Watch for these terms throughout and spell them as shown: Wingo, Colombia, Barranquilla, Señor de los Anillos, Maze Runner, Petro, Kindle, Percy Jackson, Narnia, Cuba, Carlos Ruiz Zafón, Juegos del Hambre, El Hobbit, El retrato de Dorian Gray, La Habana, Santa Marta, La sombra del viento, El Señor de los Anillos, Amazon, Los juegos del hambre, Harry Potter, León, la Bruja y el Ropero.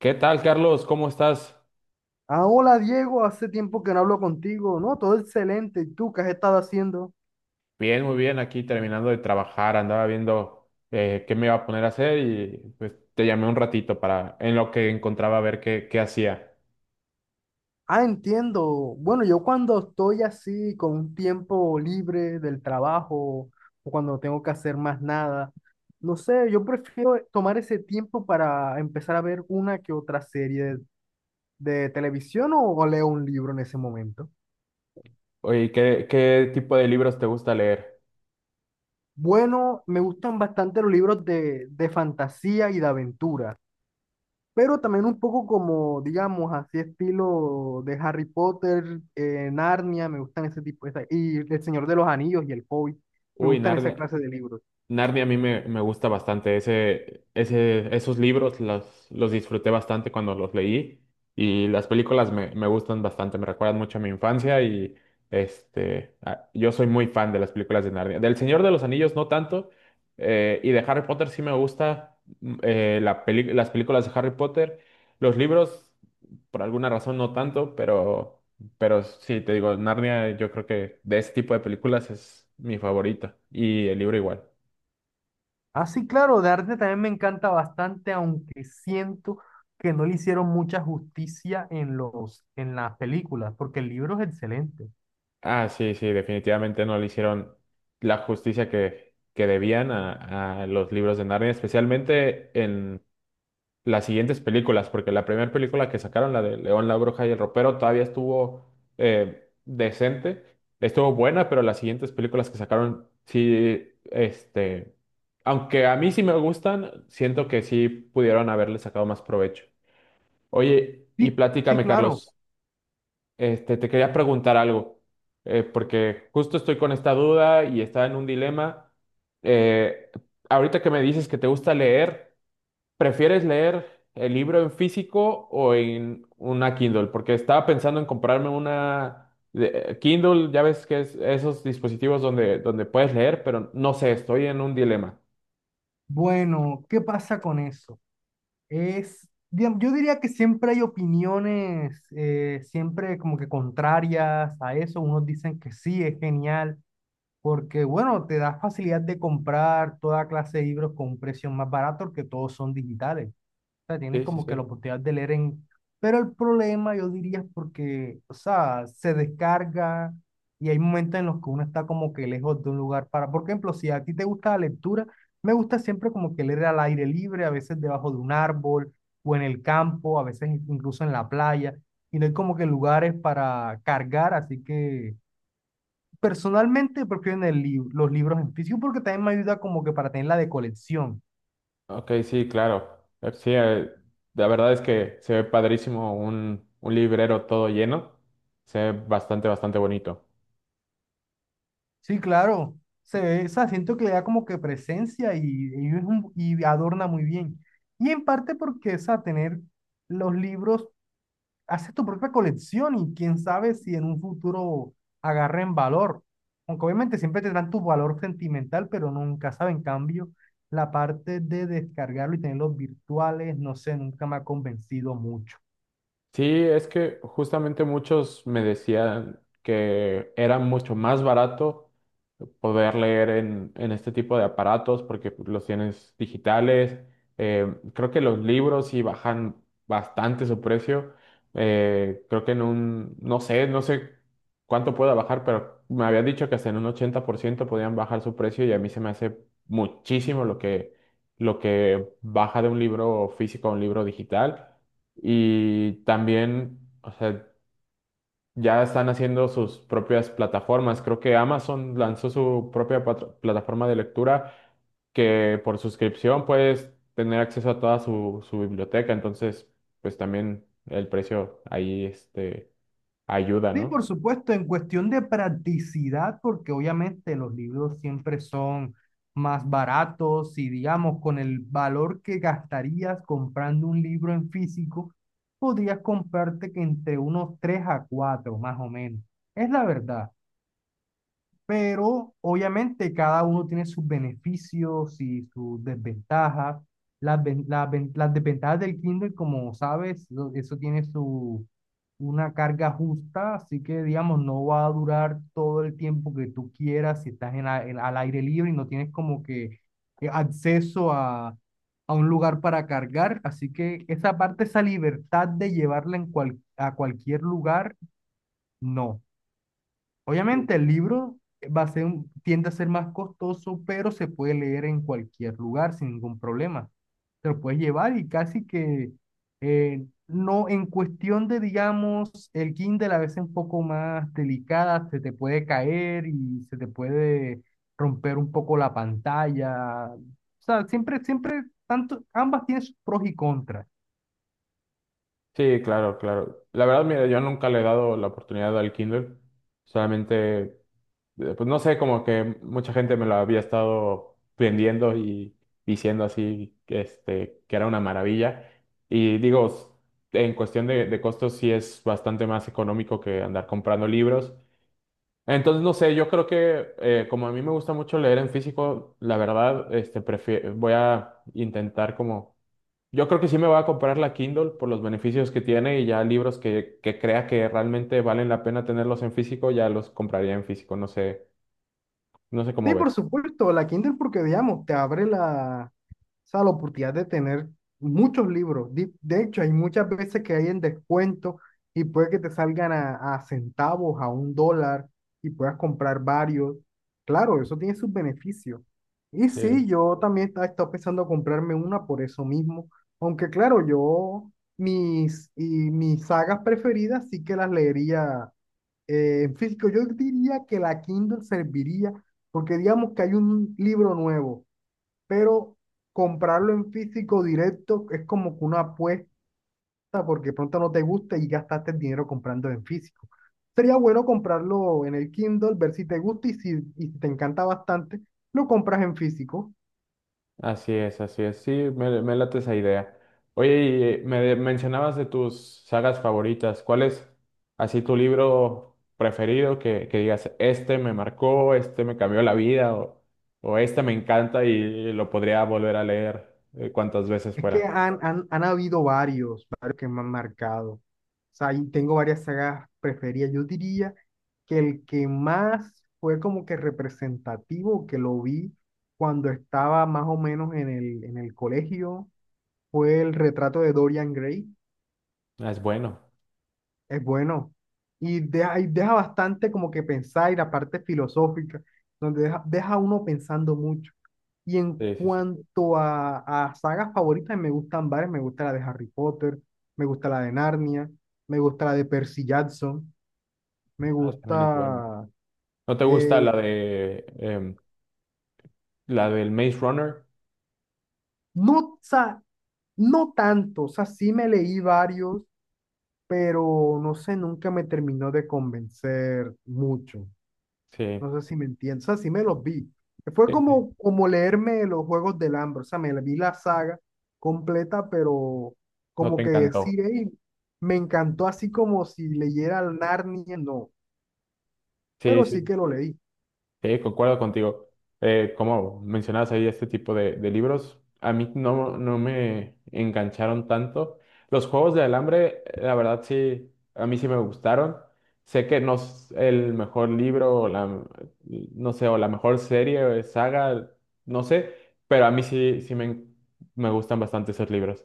¿Qué tal, Carlos? ¿Cómo estás? Ah, hola Diego, hace tiempo que no hablo contigo. No, todo excelente. ¿Y tú qué has estado haciendo? Bien, muy bien. Aquí terminando de trabajar, andaba viendo qué me iba a poner a hacer y pues te llamé un ratito para en lo que encontraba a ver qué hacía. Ah, entiendo. Bueno, yo cuando estoy así con un tiempo libre del trabajo o cuando no tengo que hacer más nada, no sé, yo prefiero tomar ese tiempo para empezar a ver una que otra serie de televisión o leo un libro en ese momento. Oye, ¿qué tipo de libros te gusta leer? Bueno, me gustan bastante los libros de fantasía y de aventura. Pero también un poco como, digamos, así estilo de Harry Potter, Narnia, me gustan ese tipo, y El Señor de los Anillos y El Hobbit, me Uy, gustan esa narde- clase de libros. Narnia a mí me gusta bastante. Esos libros los disfruté bastante cuando los leí y las películas me gustan bastante, me recuerdan mucho a mi infancia y yo soy muy fan de las películas de Narnia. Del Señor de los Anillos no tanto, y de Harry Potter sí me gusta las películas de Harry Potter. Los libros por alguna razón no tanto, pero sí, te digo, Narnia yo creo que de ese tipo de películas es mi favorita y el libro igual. Ah, sí, claro, de arte también me encanta bastante, aunque siento que no le hicieron mucha justicia en en las películas, porque el libro es excelente. Ah, sí, sí, definitivamente no le hicieron la justicia que debían a los libros de Narnia, especialmente en las siguientes películas, porque la primera película que sacaron, la de León, la Bruja y el Ropero, todavía estuvo decente, estuvo buena, pero las siguientes películas que sacaron, sí, este, aunque a mí sí me gustan, siento que sí pudieron haberle sacado más provecho. Oye, Sí, y sí, platícame, claro. Carlos. Este, te quería preguntar algo, porque justo estoy con esta duda y estaba en un dilema. Eh, ahorita que me dices que te gusta leer, ¿prefieres leer el libro en físico o en una Kindle? Porque estaba pensando en comprarme una Kindle, ya ves que es esos dispositivos donde, donde puedes leer, pero no sé, estoy en un dilema. Bueno, ¿qué pasa con eso? Es, yo diría que siempre hay opiniones, siempre como que contrarias a eso. Unos dicen que sí, es genial, porque bueno, te da facilidad de comprar toda clase de libros con precios más baratos, porque todos son digitales. O sea, tienes Sí, sí, como que sí. la oportunidad de leer en... Pero el problema, yo diría, es porque, o sea, se descarga y hay momentos en los que uno está como que lejos de un lugar para... Por ejemplo, si a ti te gusta la lectura, me gusta siempre como que leer al aire libre, a veces debajo de un árbol o en el campo, a veces incluso en la playa, y no hay como que lugares para cargar, así que personalmente prefiero en los libros en físico porque también me ayuda como que para tener la de colección. Ok, sí, claro. Eh, Sí, eh, la verdad es que se ve padrísimo un librero todo lleno. Se ve bastante, bastante bonito. Sí, claro. Se ve, o sea, siento que le da como que presencia y es y adorna muy bien. Y en parte porque, o sea, tener los libros, hace tu propia colección y quién sabe si en un futuro agarren valor. Aunque obviamente siempre tendrán tu valor sentimental, pero nunca sabe. En cambio, la parte de descargarlo y tenerlos virtuales, no sé, nunca me ha convencido mucho. Sí, es que justamente muchos me decían que era mucho más barato poder leer en este tipo de aparatos porque pues, los tienes digitales. Creo que los libros sí bajan bastante su precio. Creo que en un, no sé, no sé cuánto pueda bajar, pero me habían dicho que hasta en un 80% podían bajar su precio y a mí se me hace muchísimo lo lo que baja de un libro físico a un libro digital y también, o sea, ya están haciendo sus propias plataformas. Creo que Amazon lanzó su plataforma de lectura que por suscripción puedes tener acceso a toda su biblioteca. Entonces, pues también el precio ahí este, ayuda, Sí, por ¿no? supuesto, en cuestión de practicidad, porque obviamente los libros siempre son más baratos y digamos, con el valor que gastarías comprando un libro en físico, podrías comprarte que entre unos 3 a 4, más o menos. Es la verdad, pero obviamente cada uno tiene sus beneficios y sus desventajas. Las desventajas del Kindle, como sabes, eso tiene su, una carga justa, así que digamos, no va a durar todo el tiempo que tú quieras si estás al aire libre y no tienes como que acceso a un lugar para cargar, así que esa parte, esa libertad de llevarla en a cualquier lugar, no. Sí. Obviamente el libro va a ser, tiende a ser más costoso, pero se puede leer en cualquier lugar sin ningún problema. Te lo puedes llevar y casi que no, en cuestión de, digamos, el Kindle a veces un poco más delicada, se te puede caer y se te puede romper un poco la pantalla. O sea, siempre, siempre, tanto, ambas tienen sus pros y contras. Sí, claro, claro. La verdad, mira, yo nunca le he dado la oportunidad al Kindle. Solamente pues no sé, como que mucha gente me lo había estado vendiendo y diciendo así que, este, que era una maravilla. Y digo, en cuestión de costos sí es bastante más económico que andar comprando libros. Entonces, no sé, yo creo que como a mí me gusta mucho leer en físico, la verdad, este, voy a intentar como... Yo creo que sí me voy a comprar la Kindle por los beneficios que tiene y ya libros que crea que realmente valen la pena tenerlos en físico, ya los compraría en físico. No sé, no sé cómo Sí, por ves. supuesto, la Kindle porque, digamos, te abre la... O sea, la oportunidad de tener muchos libros. De hecho, hay muchas veces que hay en descuento y puede que te salgan a centavos, a un dólar y puedas comprar varios. Claro, eso tiene sus beneficios. Y sí, Sí, yo también estaba pensando comprarme una por eso mismo. Aunque claro, yo mis sagas preferidas sí que las leería en físico. Yo diría que la Kindle serviría porque digamos que hay un libro nuevo, pero comprarlo en físico directo es como que una apuesta porque pronto no te gusta y gastaste el dinero comprando en físico. Sería bueno comprarlo en el Kindle, ver si te gusta y y si te encanta bastante, lo compras en físico. así es, así es. Sí, me late esa idea. Oye, y mencionabas de tus sagas favoritas. ¿Cuál es así tu libro preferido que digas, este me marcó, este me cambió la vida o este me encanta y lo podría volver a leer cuantas veces Es que fuera? Han habido varios que me han marcado. O sea, y tengo varias sagas preferidas. Yo diría que el que más fue como que representativo, que lo vi cuando estaba más o menos en en el colegio, fue el retrato de Dorian Gray. Ah, es bueno. Es bueno. Y deja bastante como que pensar y la parte filosófica, donde deja a uno pensando mucho. Y en Sí, sí, sí. cuanto a sagas favoritas, me gustan varias. Me gusta la de Harry Potter, me gusta la de Narnia, me gusta la de Percy Jackson, me Ah, también es bueno. gusta... ¿No te gusta eh, la de la del Maze Runner? no, o sea, no tanto, o sea, sí me leí varios, pero no sé, nunca me terminó de convencer mucho. Sí, No sé si me entiendes. O sea, sí me los vi. Fue sí, sí. como, como leerme los Juegos del Hambre. O sea, me vi la saga completa, pero No como te que encantó. decir: "Ey, me encantó así como si leyera el Narnia", no. Sí, Pero sí sí. que lo leí. Sí, concuerdo contigo. Como mencionabas ahí, este tipo de libros, a mí no, no me engancharon tanto. Los juegos del hambre, la verdad sí, a mí sí me gustaron. Sé que no es el mejor libro, o la, no sé, o la mejor serie o saga, no sé, pero a mí sí, me gustan bastante esos libros.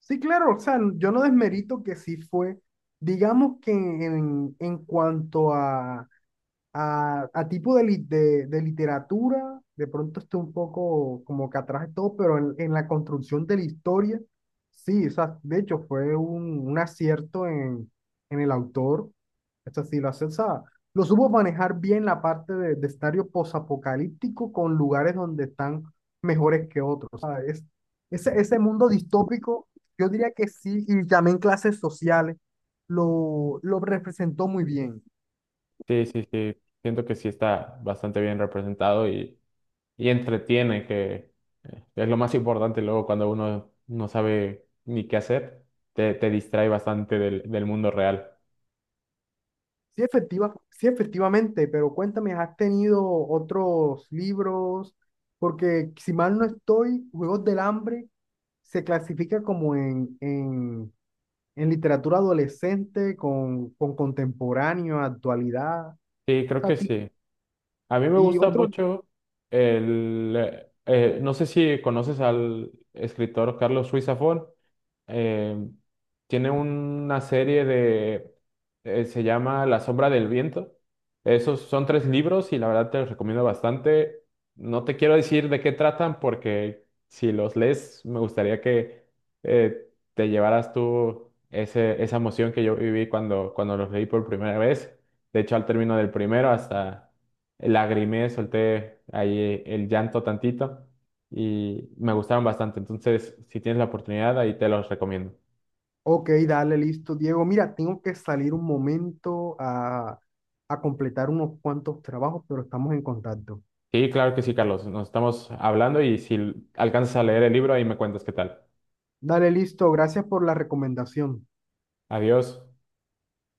Sí, claro, o sea, yo no desmerito que sí fue. Digamos que en cuanto a, a tipo de, de literatura, de pronto estoy un poco como que atrás de todo, pero en la construcción de la historia, sí, o sea, de hecho fue un acierto en el autor. Esto sí, lo hace, o sea, lo supo manejar bien la parte de escenario posapocalíptico con lugares donde están mejores que otros. O sea, ese mundo distópico, yo diría que sí, y también clases sociales, lo representó muy bien. Sí, sí, sí, siento que sí está bastante bien representado y entretiene, que es lo más importante luego cuando uno no sabe ni qué hacer, te distrae bastante del mundo real. Sí, efectiva, sí, efectivamente, pero cuéntame, ¿has tenido otros libros? Porque si mal no estoy, Juegos del Hambre se clasifica como en literatura adolescente con contemporáneo, actualidad. O Sí, creo que sea, sí. A mí me y gusta otro, mucho el... no sé si conoces al escritor Carlos Ruiz Zafón. eh, tiene una serie de, se llama La sombra del viento. Esos son tres libros y la verdad te los recomiendo bastante. No te quiero decir de qué tratan porque si los lees me gustaría que te llevaras tú ese, esa emoción que yo viví cuando, cuando los leí por primera vez. De hecho, al término del primero hasta lagrimé, solté ahí el llanto tantito y me gustaron bastante. Entonces, si tienes la oportunidad, ahí te los recomiendo. ok, dale, listo, Diego. Mira, tengo que salir un momento a completar unos cuantos trabajos, pero estamos en contacto. Sí, claro que sí, Carlos. Nos estamos hablando y si alcanzas a leer el libro, ahí me cuentas qué tal. Dale, listo, gracias por la recomendación. Adiós.